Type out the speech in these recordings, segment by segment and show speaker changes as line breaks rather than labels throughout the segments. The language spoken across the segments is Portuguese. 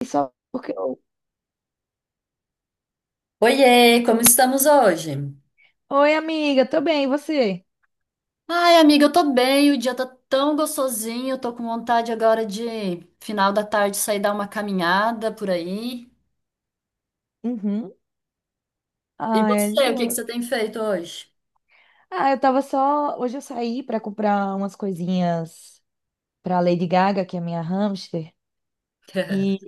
E só porque eu.
Oiê, como estamos hoje?
Oi, amiga, tô bem, e você?
Ai, amiga, eu tô bem, o dia tá tão gostosinho, eu tô com vontade agora de final da tarde sair dar uma caminhada por aí.
Uhum.
E
Ah, é de
você, o que que
boa.
você tem feito hoje?
Ah, eu tava só. Hoje eu saí pra comprar umas coisinhas pra Lady Gaga, que é minha hamster. E,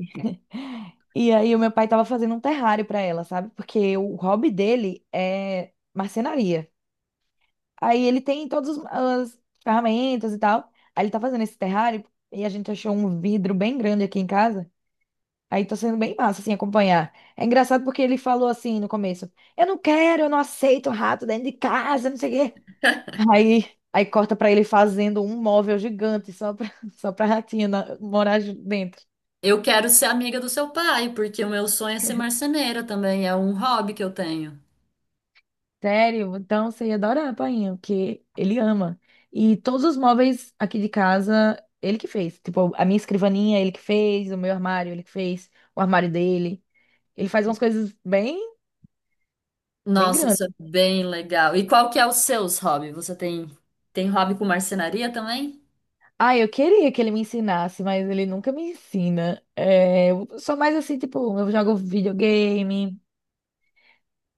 e aí o meu pai tava fazendo um terrário pra ela, sabe? Porque o hobby dele é marcenaria. Aí ele tem todas as ferramentas e tal. Aí ele tá fazendo esse terrário e a gente achou um vidro bem grande aqui em casa. Aí tá sendo bem massa, assim, acompanhar. É engraçado porque ele falou assim no começo: eu não quero, eu não aceito rato dentro de casa, não sei o quê. Aí, aí corta pra ele fazendo um móvel gigante só pra, só pra ratinha morar dentro.
Eu quero ser amiga do seu pai, porque o meu sonho é ser marceneira também, é um hobby que eu tenho.
Sério? Então você ia adorar, painho, porque ele ama. E todos os móveis aqui de casa, ele que fez. Tipo, a minha escrivaninha, ele que fez, o meu armário, ele que fez, o armário dele. Ele faz umas coisas bem, bem
Nossa, isso é
grandes.
bem legal. E qual que é o seu hobby? Você tem hobby com marcenaria também?
Ah, eu queria que ele me ensinasse, mas ele nunca me ensina. É, eu sou mais assim, tipo, eu jogo videogame,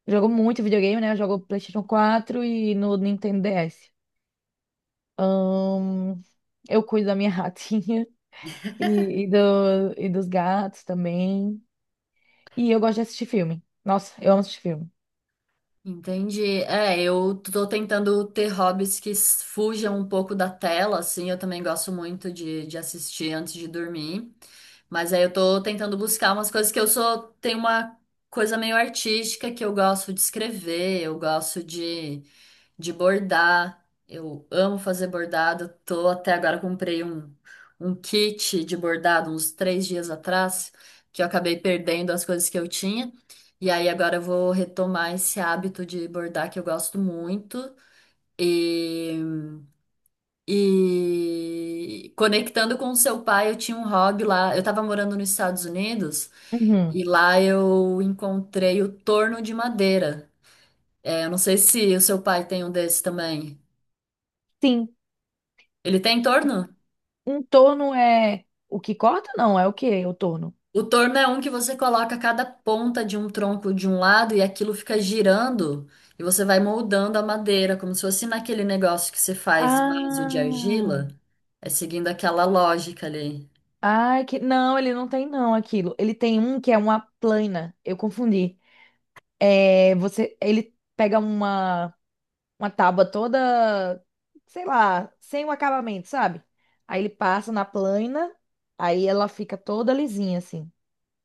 jogo muito videogame, né? Eu jogo PlayStation 4 e no Nintendo DS. Ahn, eu cuido da minha ratinha e dos gatos também. E eu gosto de assistir filme. Nossa, eu amo assistir filme.
Entendi. É, eu tô tentando ter hobbies que fujam um pouco da tela, assim. Eu também gosto muito de assistir antes de dormir. Mas aí eu tô tentando buscar umas coisas que eu sou. Tem uma coisa meio artística que eu gosto de escrever, eu gosto de bordar. Eu amo fazer bordado. Tô até agora comprei um kit de bordado uns 3 dias atrás, que eu acabei perdendo as coisas que eu tinha. E aí agora eu vou retomar esse hábito de bordar que eu gosto muito. E, e conectando com o seu pai, eu tinha um hobby lá. Eu tava morando nos Estados Unidos
Uhum.
e lá eu encontrei o torno de madeira. É, eu não sei se o seu pai tem um desse também.
Sim,
Ele tem torno?
um torno é o que corta? Não, é o que o torno?
O torno é um que você coloca cada ponta de um tronco de um lado e aquilo fica girando e você vai moldando a madeira, como se fosse naquele negócio que você faz vaso de
Ah.
argila. É seguindo aquela lógica ali.
Ai, que... Não, ele não tem não aquilo. Ele tem um que é uma plana. Eu confundi. É, você, ele pega uma tábua toda, sei lá, sem o acabamento, sabe? Aí ele passa na plana, aí ela fica toda lisinha, assim.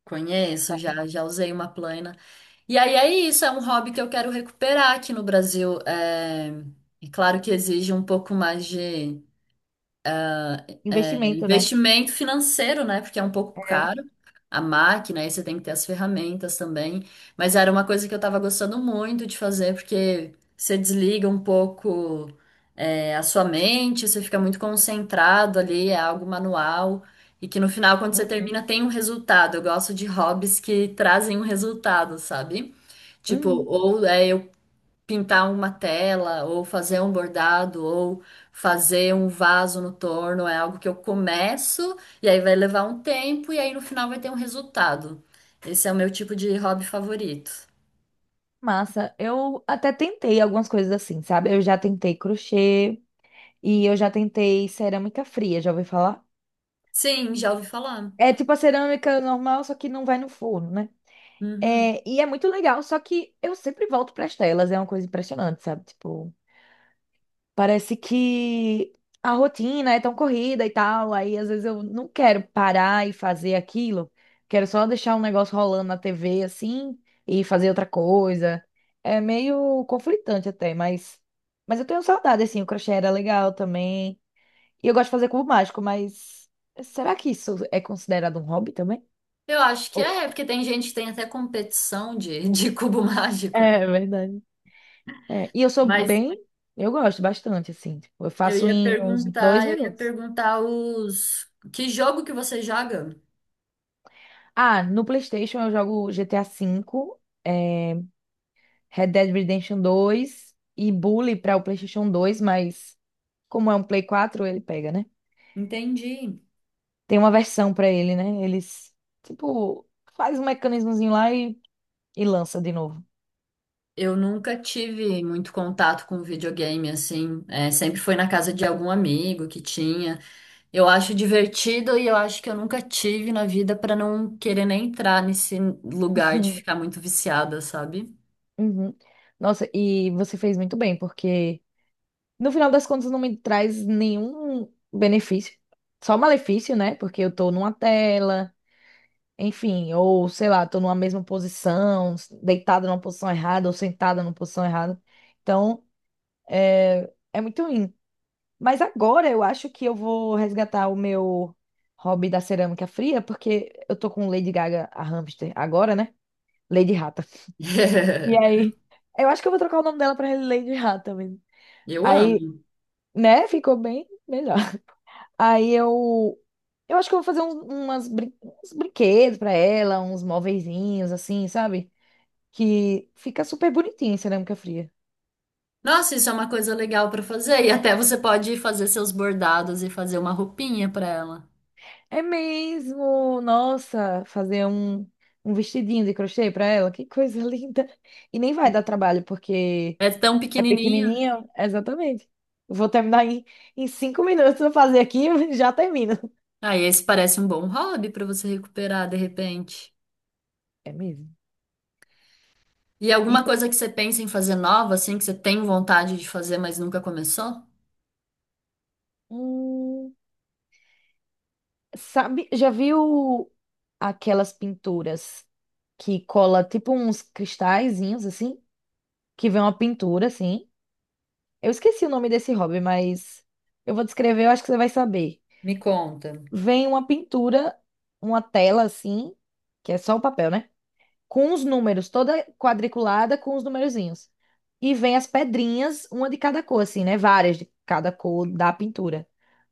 Conheço, já usei uma plana. E aí é isso, é um hobby que eu quero recuperar aqui no Brasil. É, é claro que exige um pouco mais de... É
Investimento, né?
investimento financeiro, né? Porque é um pouco
É.
caro a máquina, aí você tem que ter as ferramentas também. Mas era uma coisa que eu tava gostando muito de fazer, porque você desliga um pouco, é, a sua mente, você fica muito concentrado ali, é algo manual. E que no final, quando você termina,
Uhum.
tem um resultado. Eu gosto de hobbies que trazem um resultado, sabe? Tipo,
Uhum.
ou é eu pintar uma tela, ou fazer um bordado, ou fazer um vaso no torno, é algo que eu começo e aí vai levar um tempo e aí no final vai ter um resultado. Esse é o meu tipo de hobby favorito.
Massa. Eu até tentei algumas coisas assim, sabe? Eu já tentei crochê e eu já tentei cerâmica fria, já ouvi falar?
Sim, já ouvi falar.
É tipo a cerâmica normal, só que não vai no forno, né?
Uhum.
É, e é muito legal, só que eu sempre volto para as telas, é uma coisa impressionante, sabe? Tipo, parece que a rotina é tão corrida e tal, aí às vezes eu não quero parar e fazer aquilo, quero só deixar um negócio rolando na TV assim e fazer outra coisa. É meio conflitante até, mas eu tenho saudade assim, o crochê era legal também. E eu gosto de fazer cubo mágico, mas será que isso é considerado um hobby também?
Eu acho que
Ou-
é, porque tem gente que tem até competição de cubo mágico.
É verdade. É, e eu sou
Mas
bem, eu gosto bastante, assim. Tipo, eu faço em uns dois
eu ia
minutos.
perguntar os que jogo que você joga?
Ah, no PlayStation eu jogo GTA 5, é, Red Dead Redemption 2 e Bully para o PlayStation 2, mas como é um Play 4, ele pega, né?
Entendi.
Tem uma versão para ele, né? Eles, tipo, faz um mecanismozinho lá e lança de novo.
Eu nunca tive muito contato com videogame, assim. É, sempre foi na casa de algum amigo que tinha. Eu acho divertido e eu acho que eu nunca tive na vida pra não querer nem entrar nesse lugar de ficar muito viciada, sabe?
Uhum. Nossa, e você fez muito bem, porque, no final das contas, não me traz nenhum benefício. Só malefício, né? Porque eu tô numa tela, enfim, ou sei lá, tô numa mesma posição, deitada numa posição errada ou sentada numa posição errada. Então, é muito ruim. Mas agora eu acho que eu vou resgatar o meu hobby da cerâmica fria, porque eu tô com Lady Gaga, a hamster, agora, né? Lady Rata. E aí, eu acho que eu vou trocar o nome dela pra Lady Rata mesmo.
Eu
Aí,
amo.
né? Ficou bem melhor. Aí eu. Eu acho que eu vou fazer uns brinquedos pra ela, uns móveizinhos, assim, sabe? Que fica super bonitinho em cerâmica fria.
Nossa, isso é uma coisa legal pra fazer. E até você pode fazer seus bordados e fazer uma roupinha pra ela.
É mesmo! Nossa, fazer um vestidinho de crochê pra ela, que coisa linda! E nem vai dar trabalho, porque
É tão
é
pequenininho.
pequenininho. Exatamente. Vou terminar em 5 minutos. Vou fazer aqui e já termino.
Aí esse parece um bom hobby pra você recuperar de repente.
É mesmo.
E
E
alguma
tem.
coisa que você pensa em fazer nova, assim, que você tem vontade de fazer, mas nunca começou?
um Sabe, já viu aquelas pinturas que cola tipo uns cristalzinhos assim, que vem uma pintura assim? Eu esqueci o nome desse hobby, mas eu vou descrever, eu acho que você vai saber.
Me conta.
Vem uma pintura, uma tela assim, que é só o papel, né? Com os números, toda quadriculada com os numerozinhos. E vem as pedrinhas, uma de cada cor assim, né? Várias de cada cor da pintura.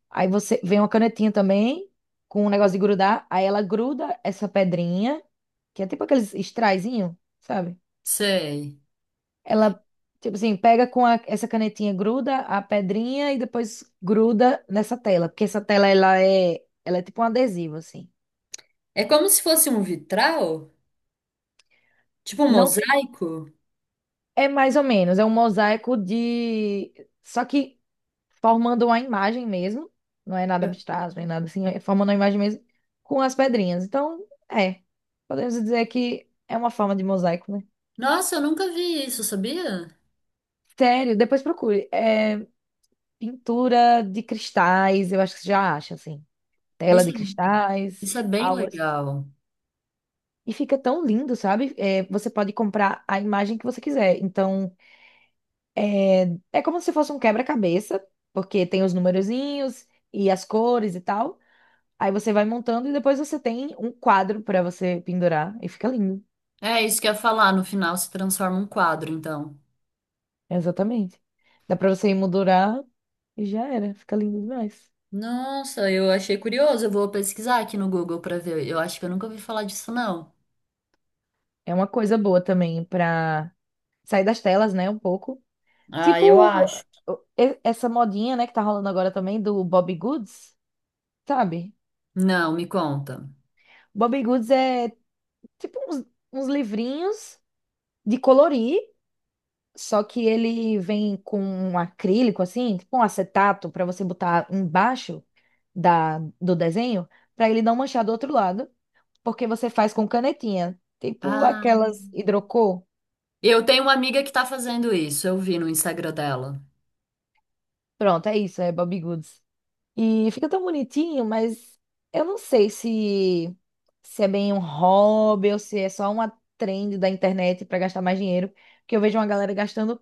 Aí você vem uma canetinha também, com um negócio de grudar. Aí ela gruda essa pedrinha, que é tipo aqueles extraizinho, sabe?
Sei.
Ela, tipo assim, pega com essa canetinha, gruda a pedrinha e depois gruda nessa tela. Porque essa tela, ela é tipo um adesivo, assim.
É como se fosse um vitral? Tipo um
Não fica-
mosaico?
É mais ou menos, é um mosaico de. Só que formando uma imagem mesmo, não é nada abstrato, nem nada assim, é formando uma imagem mesmo com as pedrinhas. Então, é, podemos dizer que é uma forma de mosaico, né?
Nossa, eu nunca vi isso, sabia?
Sério, depois procure. É, pintura de cristais, eu acho que você já acha, assim. Tela de
Isso, isso
cristais,
é bem
algo assim.
legal.
E fica tão lindo, sabe? É, você pode comprar a imagem que você quiser. Então, é como se fosse um quebra-cabeça, porque tem os numerozinhos e as cores e tal. Aí você vai montando e depois você tem um quadro pra você pendurar e fica lindo.
É isso que eu ia falar, no final se transforma um quadro, então.
Exatamente. Dá pra você emoldurar e já era, fica lindo demais.
Nossa, eu achei curioso. Eu vou pesquisar aqui no Google pra ver. Eu acho que eu nunca ouvi falar disso, não.
É uma coisa boa também pra sair das telas, né, um pouco.
Ah, eu
Tipo
acho.
essa modinha, né, que tá rolando agora também do Bobbie Goods, sabe?
Não, me conta.
Bobbie Goods é tipo uns livrinhos de colorir, só que ele vem com um acrílico assim, tipo um acetato pra você botar embaixo. Da, do desenho, para ele não manchar do outro lado, porque você faz com canetinha, tipo
Ah.
aquelas hidrocor.
Eu tenho uma amiga que tá fazendo isso, eu vi no Instagram dela.
Pronto, é isso, é Bobbie Goods. E fica tão bonitinho, mas eu não sei se é bem um hobby ou se é só uma trend da internet para gastar mais dinheiro, porque eu vejo uma galera gastando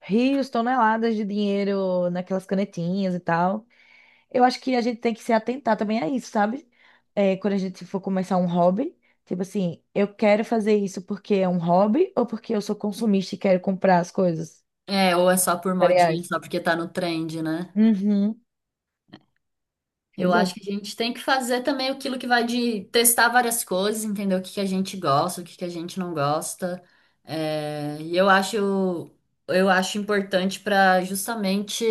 rios, toneladas de dinheiro naquelas canetinhas e tal. Eu acho que a gente tem que se atentar também a isso, sabe? É, quando a gente for começar um hobby, tipo assim, eu quero fazer isso porque é um hobby ou porque eu sou consumista e quero comprar as coisas?
É, ou é só por modinha,
Cereais.
só porque tá no trend, né?
Uhum.
Eu
Pois é.
acho que a gente tem que fazer também aquilo que vai de testar várias coisas, entender o que que a gente gosta, o que que a gente não gosta. É, e eu acho importante para justamente,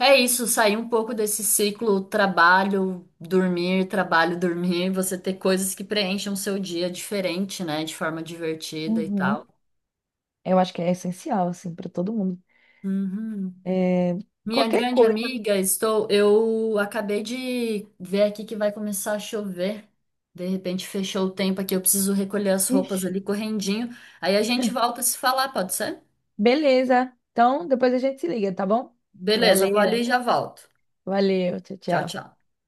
é isso, sair um pouco desse ciclo trabalho, dormir, você ter coisas que preencham o seu dia diferente, né, de forma divertida e tal.
Uhum. Eu acho que é essencial, assim, para todo mundo.
Uhum.
É,
Minha
qualquer
grande
coisa.
amiga, estou. Eu acabei de ver aqui que vai começar a chover. De repente fechou o tempo aqui, eu preciso recolher as
Ixi.
roupas ali correndinho. Aí a gente volta a se falar, pode ser?
Beleza. Então, depois a gente se liga, tá bom?
Beleza, vou ali
Valeu.
e já volto.
Valeu. Tchau,
Tchau,
tchau.
tchau.